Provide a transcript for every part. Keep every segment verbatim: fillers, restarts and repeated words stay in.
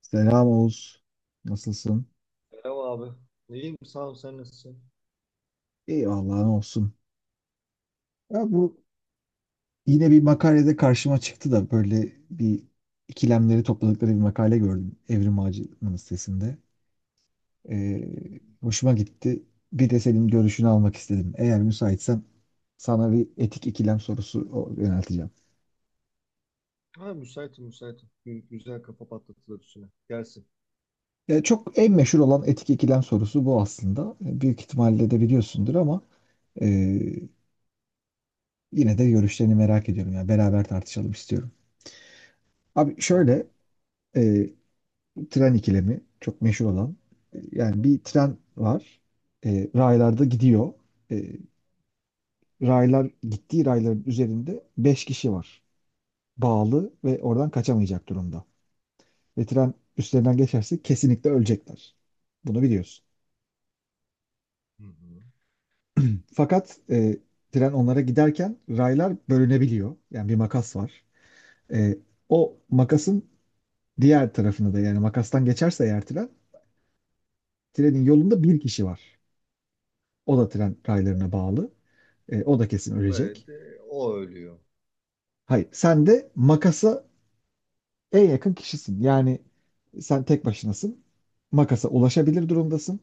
Selam Oğuz. Nasılsın? Merhaba abi. İyiyim sağ ol, sen nasılsın? İyi vallahi ne olsun. Ya bu Yine bir makalede karşıma çıktı da böyle bir ikilemleri topladıkları bir makale gördüm Evrim Ağacı'nın sitesinde. Ee, hoşuma gitti. Bir de senin görüşünü almak istedim. Eğer müsaitsen sana bir etik ikilem sorusu o- yönelteceğim. Ha, müsaitim müsaitim. Gü- Güzel, kafa patlatılır üstüne. Gelsin. Ya çok en meşhur olan etik ikilem sorusu bu aslında. E, Büyük ihtimalle de biliyorsundur ama e, yine de görüşlerini merak ediyorum. Yani beraber tartışalım istiyorum. Abi Tamam. şöyle e, tren ikilemi çok meşhur olan. E, Yani bir tren var. E, raylarda gidiyor. E, raylar gittiği rayların üzerinde beş kişi var. Bağlı ve oradan kaçamayacak durumda. Ve tren üstlerinden geçerse kesinlikle ölecekler. Bunu biliyorsun. Hı hı. Fakat e, tren onlara giderken raylar bölünebiliyor. Yani bir makas var. E, O makasın diğer tarafını da, yani makastan geçerse eğer tren, trenin yolunda bir kişi var. O da tren raylarına bağlı. E, o da kesin Böyle ölecek. de o ölüyor. Hayır, sen de makasa en yakın kişisin. Yani sen tek başınasın. Makasa ulaşabilir durumdasın.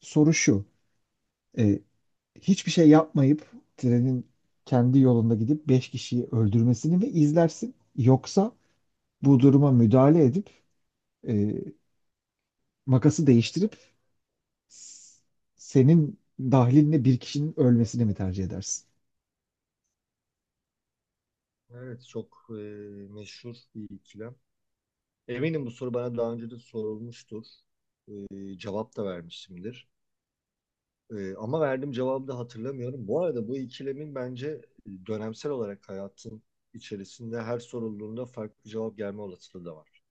Soru şu. e, Hiçbir şey yapmayıp trenin kendi yolunda gidip beş kişiyi öldürmesini mi izlersin? Yoksa bu duruma müdahale edip e, makası değiştirip s- senin dahilinle bir kişinin ölmesini mi tercih edersin? Evet, çok e, meşhur bir ikilem. Eminim bu soru bana daha önce de sorulmuştur. E, cevap da vermişimdir. E, ama verdiğim cevabı da hatırlamıyorum. Bu arada bu ikilemin bence dönemsel olarak hayatın içerisinde her sorulduğunda farklı cevap gelme olasılığı da var.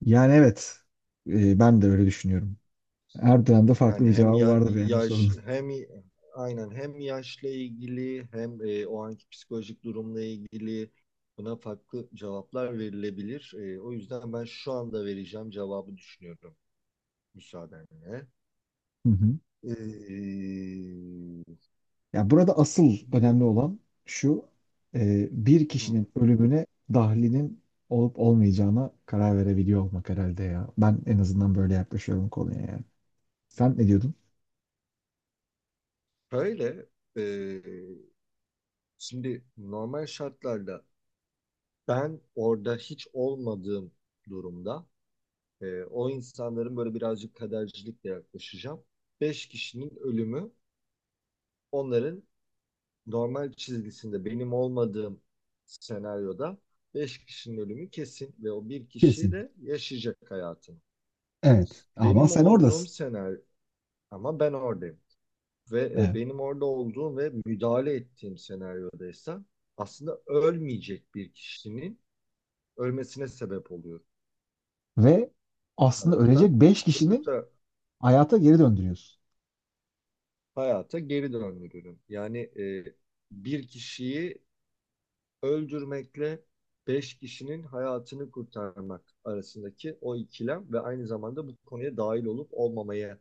Yani evet, e, ben de öyle düşünüyorum. Her dönemde farklı Yani bir hem cevabı ya- vardır yani bu sorunun. yaş hem aynen, hem yaşla ilgili hem e, o anki psikolojik durumla ilgili buna farklı cevaplar verilebilir. E, o yüzden ben şu anda vereceğim cevabı düşünüyorum, müsaadenle. Hı hı. E, Ya burada asıl Şimdi önemli olan şu, e, bir hı, kişinin ölümüne dahlinin olup olmayacağına karar verebiliyor olmak herhalde ya. Ben en azından böyle yaklaşıyorum konuya yani. Sen ne diyordun? şöyle e, şimdi normal şartlarda ben orada hiç olmadığım durumda e, o insanların böyle birazcık kadercilikle yaklaşacağım. Beş kişinin ölümü, onların normal çizgisinde, benim olmadığım senaryoda beş kişinin ölümü kesin ve o bir kişi Kesin. de yaşayacak hayatını. Evet. Ama Benim sen olduğum oradasın. senaryo, ama ben oradayım ve e, Evet. benim orada olduğum ve müdahale ettiğim senaryodaysa aslında ölmeyecek bir kişinin ölmesine sebep oluyor Ve bu aslında ölecek tarafta. beş Öbür kişinin taraf hayata geri döndürüyorsun. hayata geri döndürüyorum. Yani e, bir kişiyi öldürmekle beş kişinin hayatını kurtarmak arasındaki o ikilem ve aynı zamanda bu konuya dahil olup olmamaya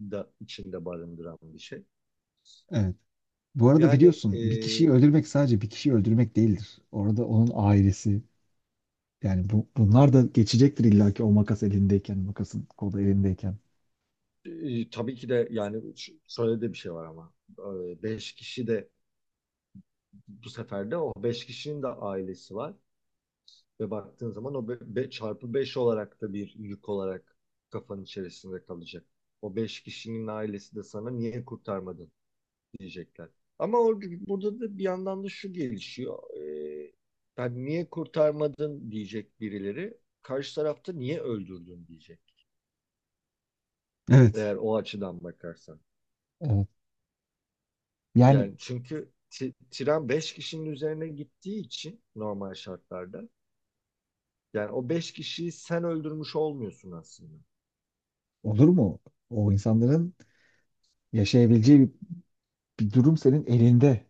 da içinde barındıran bir şey. Evet. Bu arada Yani biliyorsun bir kişiyi e, öldürmek sadece bir kişiyi öldürmek değildir. Orada onun ailesi, yani bu, bunlar da geçecektir illaki o makas elindeyken, makasın kolu elindeyken. e, tabii ki de, yani ş- şöyle de bir şey var ama e, beş kişi de, bu sefer de o beş kişinin de ailesi var ve baktığın zaman o be- çarpı beş olarak da bir yük olarak kafanın içerisinde kalacak. O beş kişinin ailesi de sana niye kurtarmadın diyecekler. Ama orada, burada da bir yandan da şu gelişiyor. Ee, yani niye kurtarmadın diyecek birileri. Karşı tarafta niye öldürdün diyecek. Evet. Eğer o açıdan bakarsan. Evet. Yani Yani çünkü ti- tren beş kişinin üzerine gittiği için normal şartlarda. Yani o beş kişiyi sen öldürmüş olmuyorsun aslında. olur mu? O insanların yaşayabileceği bir, bir durum senin elinde.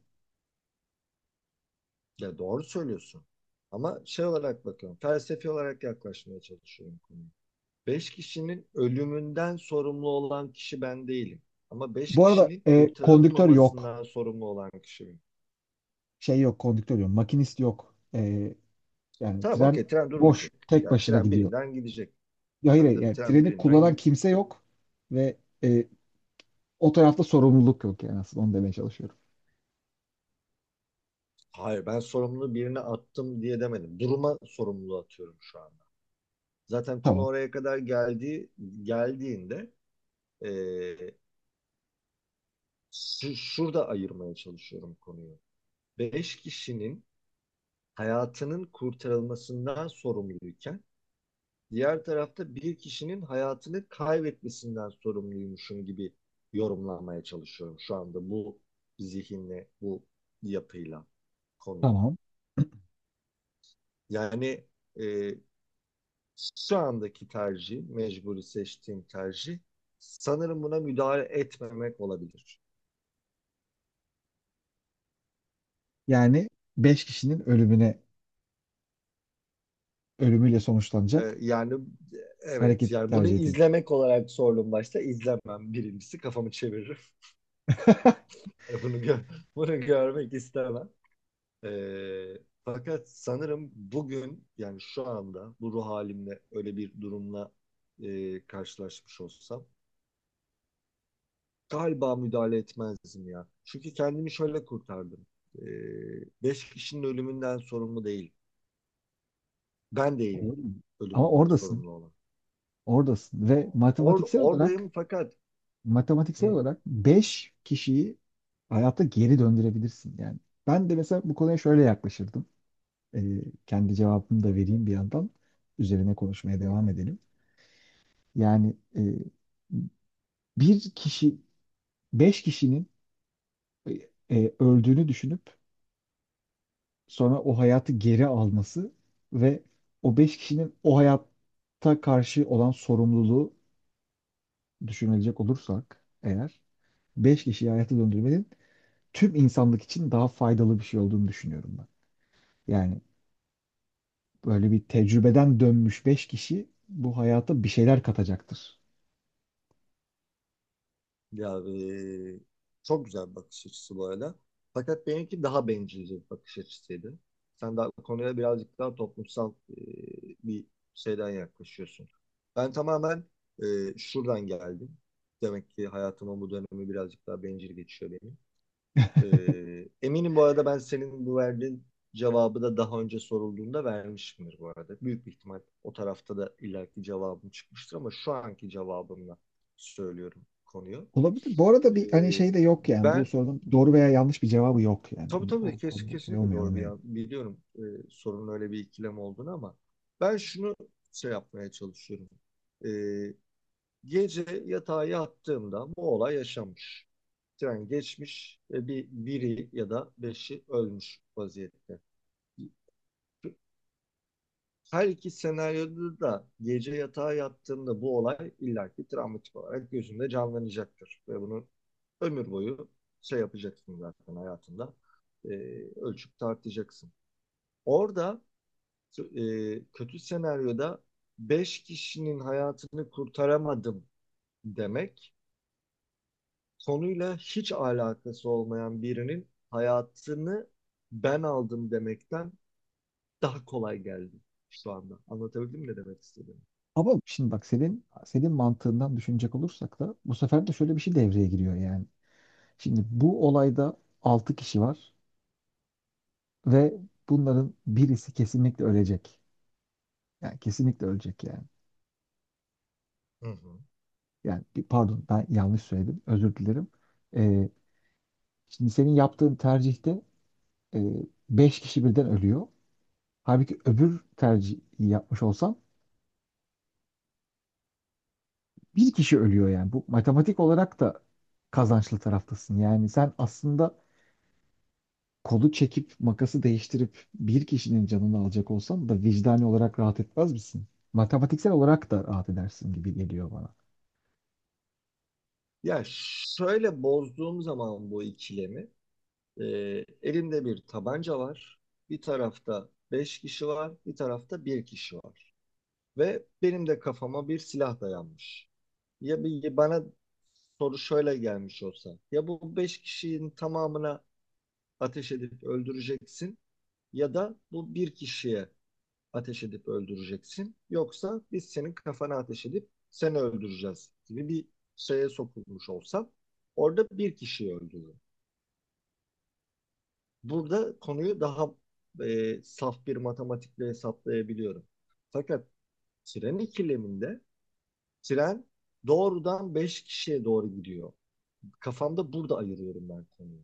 Ya, doğru söylüyorsun. Ama şey olarak bakıyorum, felsefi olarak yaklaşmaya çalışıyorum konuya. Beş kişinin ölümünden sorumlu olan kişi ben değilim. Ama beş Bu arada kişinin e, kondüktör yok. kurtarılmamasından sorumlu olan kişi benim. Şey yok, kondüktör yok. Makinist yok. E, yani Tamam, tren okey, tren boş, durmayacak. tek Yani başına tren gidiyor. birinden gidecek. Ya hayır, Tabii hayır, tabii, yani tren treni kullanan birinden. kimse yok ve e, o tarafta sorumluluk yok, yani aslında onu demeye çalışıyorum. Hayır, ben sorumluluğu birine attım diye demedim. Duruma sorumluluğu atıyorum şu anda. Zaten konu Tamam. oraya kadar geldiği, geldiğinde eee, şu- şurada ayırmaya çalışıyorum konuyu. Beş kişinin hayatının kurtarılmasından sorumluyken diğer tarafta bir kişinin hayatını kaybetmesinden sorumluymuşum gibi yorumlanmaya çalışıyorum şu anda bu zihinle, bu yapıyla konuyu. Tamam. Yani e, şu andaki tercih, mecburi seçtiğim tercih sanırım buna müdahale etmemek olabilir. Yani beş kişinin ölümüne ölümüyle E, sonuçlanacak. yani e, evet, Hareket yani bunu tercih ediyorsun. izlemek olarak sordum başta. İzlemem birincisi, kafamı çeviririm. Bunu gö- bunu görmek istemem. Ee, Fakat sanırım bugün, yani şu anda bu ruh halimle öyle bir durumla e, karşılaşmış olsam galiba müdahale etmezdim ya. Çünkü kendimi şöyle kurtardım. Ee, Beş kişinin ölümünden sorumlu değil. Ben değilim Olur mu? Ama ölümünden oradasın. sorumlu olan. Oradasın. Ve Or matematiksel olarak oradayım fakat matematiksel hı, olarak beş kişiyi hayatta geri döndürebilirsin. Yani ben de mesela bu konuya şöyle yaklaşırdım. Ee, Kendi cevabımı da vereyim bir yandan. Üzerine konuşmaya hı, devam hı. edelim. Yani e, bir kişi, beş kişinin e, e, öldüğünü düşünüp sonra o hayatı geri alması ve o beş kişinin o hayatta karşı olan sorumluluğu düşünülecek olursak eğer beş kişiyi hayata döndürmenin tüm insanlık için daha faydalı bir şey olduğunu düşünüyorum ben. Yani böyle bir tecrübeden dönmüş beş kişi bu hayata bir şeyler katacaktır. Ya e, çok güzel bir bakış açısı bu arada. Fakat benimki daha bencilce bir bakış açısıydı. Sen daha konuya birazcık daha toplumsal e, bir şeyden yaklaşıyorsun. Ben tamamen e, şuradan geldim. Demek ki hayatımın bu dönemi birazcık daha bencil geçiyor benim. E, eminim bu arada ben senin bu verdiğin cevabı da daha önce sorulduğunda vermişimdir bu arada. Büyük bir ihtimal o tarafta da ileriki cevabım çıkmıştır ama şu anki cevabımla söylüyorum konuyu. Olabilir. Bu arada bir hani Ee, şey de yok yani. Bu Ben sorunun doğru veya yanlış bir cevabı yok yani. tabii Hani tabii, o kes, konuda şey kesinlikle doğru olmayalım bir yani. yan- biliyorum e, sorunun öyle bir ikilem olduğunu, ama ben şunu şey yapmaya çalışıyorum. Ee, Gece yatağa yattığımda bu olay yaşanmış. Tren geçmiş ve bir biri ya da beşi ölmüş vaziyette. Her iki senaryoda da gece yatağa yattığında bu olay illaki travmatik olarak gözünde canlanacaktır. Ve bunu ömür boyu şey yapacaksın zaten hayatında. E, Ölçüp tartacaksın. Orada e, kötü senaryoda beş kişinin hayatını kurtaramadım demek, konuyla hiç alakası olmayan birinin hayatını ben aldım demekten daha kolay geldi şu anda. Anlatabildim mi ne demek istediğimi? Ama şimdi bak senin senin mantığından düşünecek olursak da bu sefer de şöyle bir şey devreye giriyor yani. Şimdi bu olayda altı kişi var ve bunların birisi kesinlikle ölecek. Yani kesinlikle ölecek yani. Hı hı. Yani bir- pardon ben yanlış söyledim. Özür dilerim. Ee, Şimdi senin yaptığın tercihte e, beş kişi birden ölüyor. Halbuki öbür tercihi yapmış olsan bir kişi ölüyor yani. Bu matematik olarak da kazançlı taraftasın. Yani sen aslında kolu çekip makası değiştirip bir kişinin canını alacak olsan da vicdani olarak rahat etmez misin? Matematiksel olarak da rahat edersin gibi geliyor bana. Ya şöyle, bozduğum zaman bu ikilemi, e, elimde bir tabanca var. Bir tarafta beş kişi var, bir tarafta bir kişi var. Ve benim de kafama bir silah dayanmış. Ya bir, bana soru şöyle gelmiş olsa. Ya bu beş kişinin tamamına ateş edip öldüreceksin ya da bu bir kişiye ateş edip öldüreceksin. Yoksa biz senin kafana ateş edip seni öldüreceğiz gibi bir şeye sokulmuş olsam, orada bir kişiyi öldürürüm. Burada konuyu daha e, saf bir matematikle hesaplayabiliyorum. Fakat tren ikileminde tren doğrudan beş kişiye doğru gidiyor. Kafamda burada ayırıyorum ben konuyu.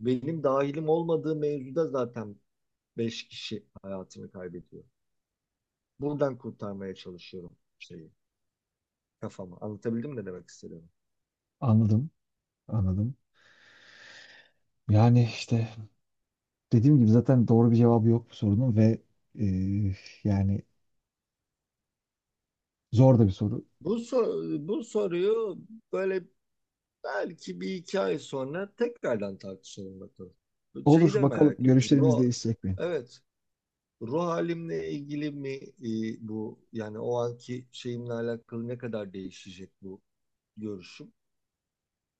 Benim dahilim olmadığı mevzuda zaten beş kişi hayatını kaybediyor. Buradan kurtarmaya çalışıyorum şeyi kafama. Anlatabildim mi ne demek istediğimi? Anladım, anladım. Yani işte dediğim gibi zaten doğru bir cevabı yok bu sorunun ve e, yani zor da bir soru. Bu, so- bu soruyu böyle belki bir iki ay sonra tekrardan tartışalım bakalım. Bu şeyi Olur de bakalım merak ettim. görüşlerimiz Ruh, değişecek mi? evet, ruh halimle ilgili mi e, bu, yani o anki şeyimle alakalı ne kadar değişecek bu görüşüm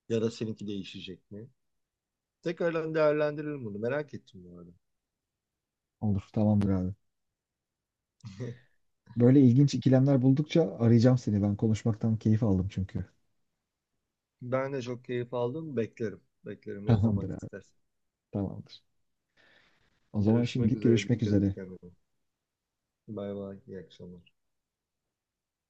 ya da seninki değişecek mi? Tekrardan değerlendirelim bunu. Merak ettim bu arada. Olur tamamdır abi. Böyle ilginç ikilemler buldukça arayacağım seni. Ben konuşmaktan keyif aldım çünkü. Ben de çok keyif aldım. Beklerim. Beklerim ne zaman Tamamdır abi, istersen. tamamdır. O zaman Görüşmek şimdilik üzere. görüşmek Dikkat et üzere. kendine. Bay bay. İyi akşamlar.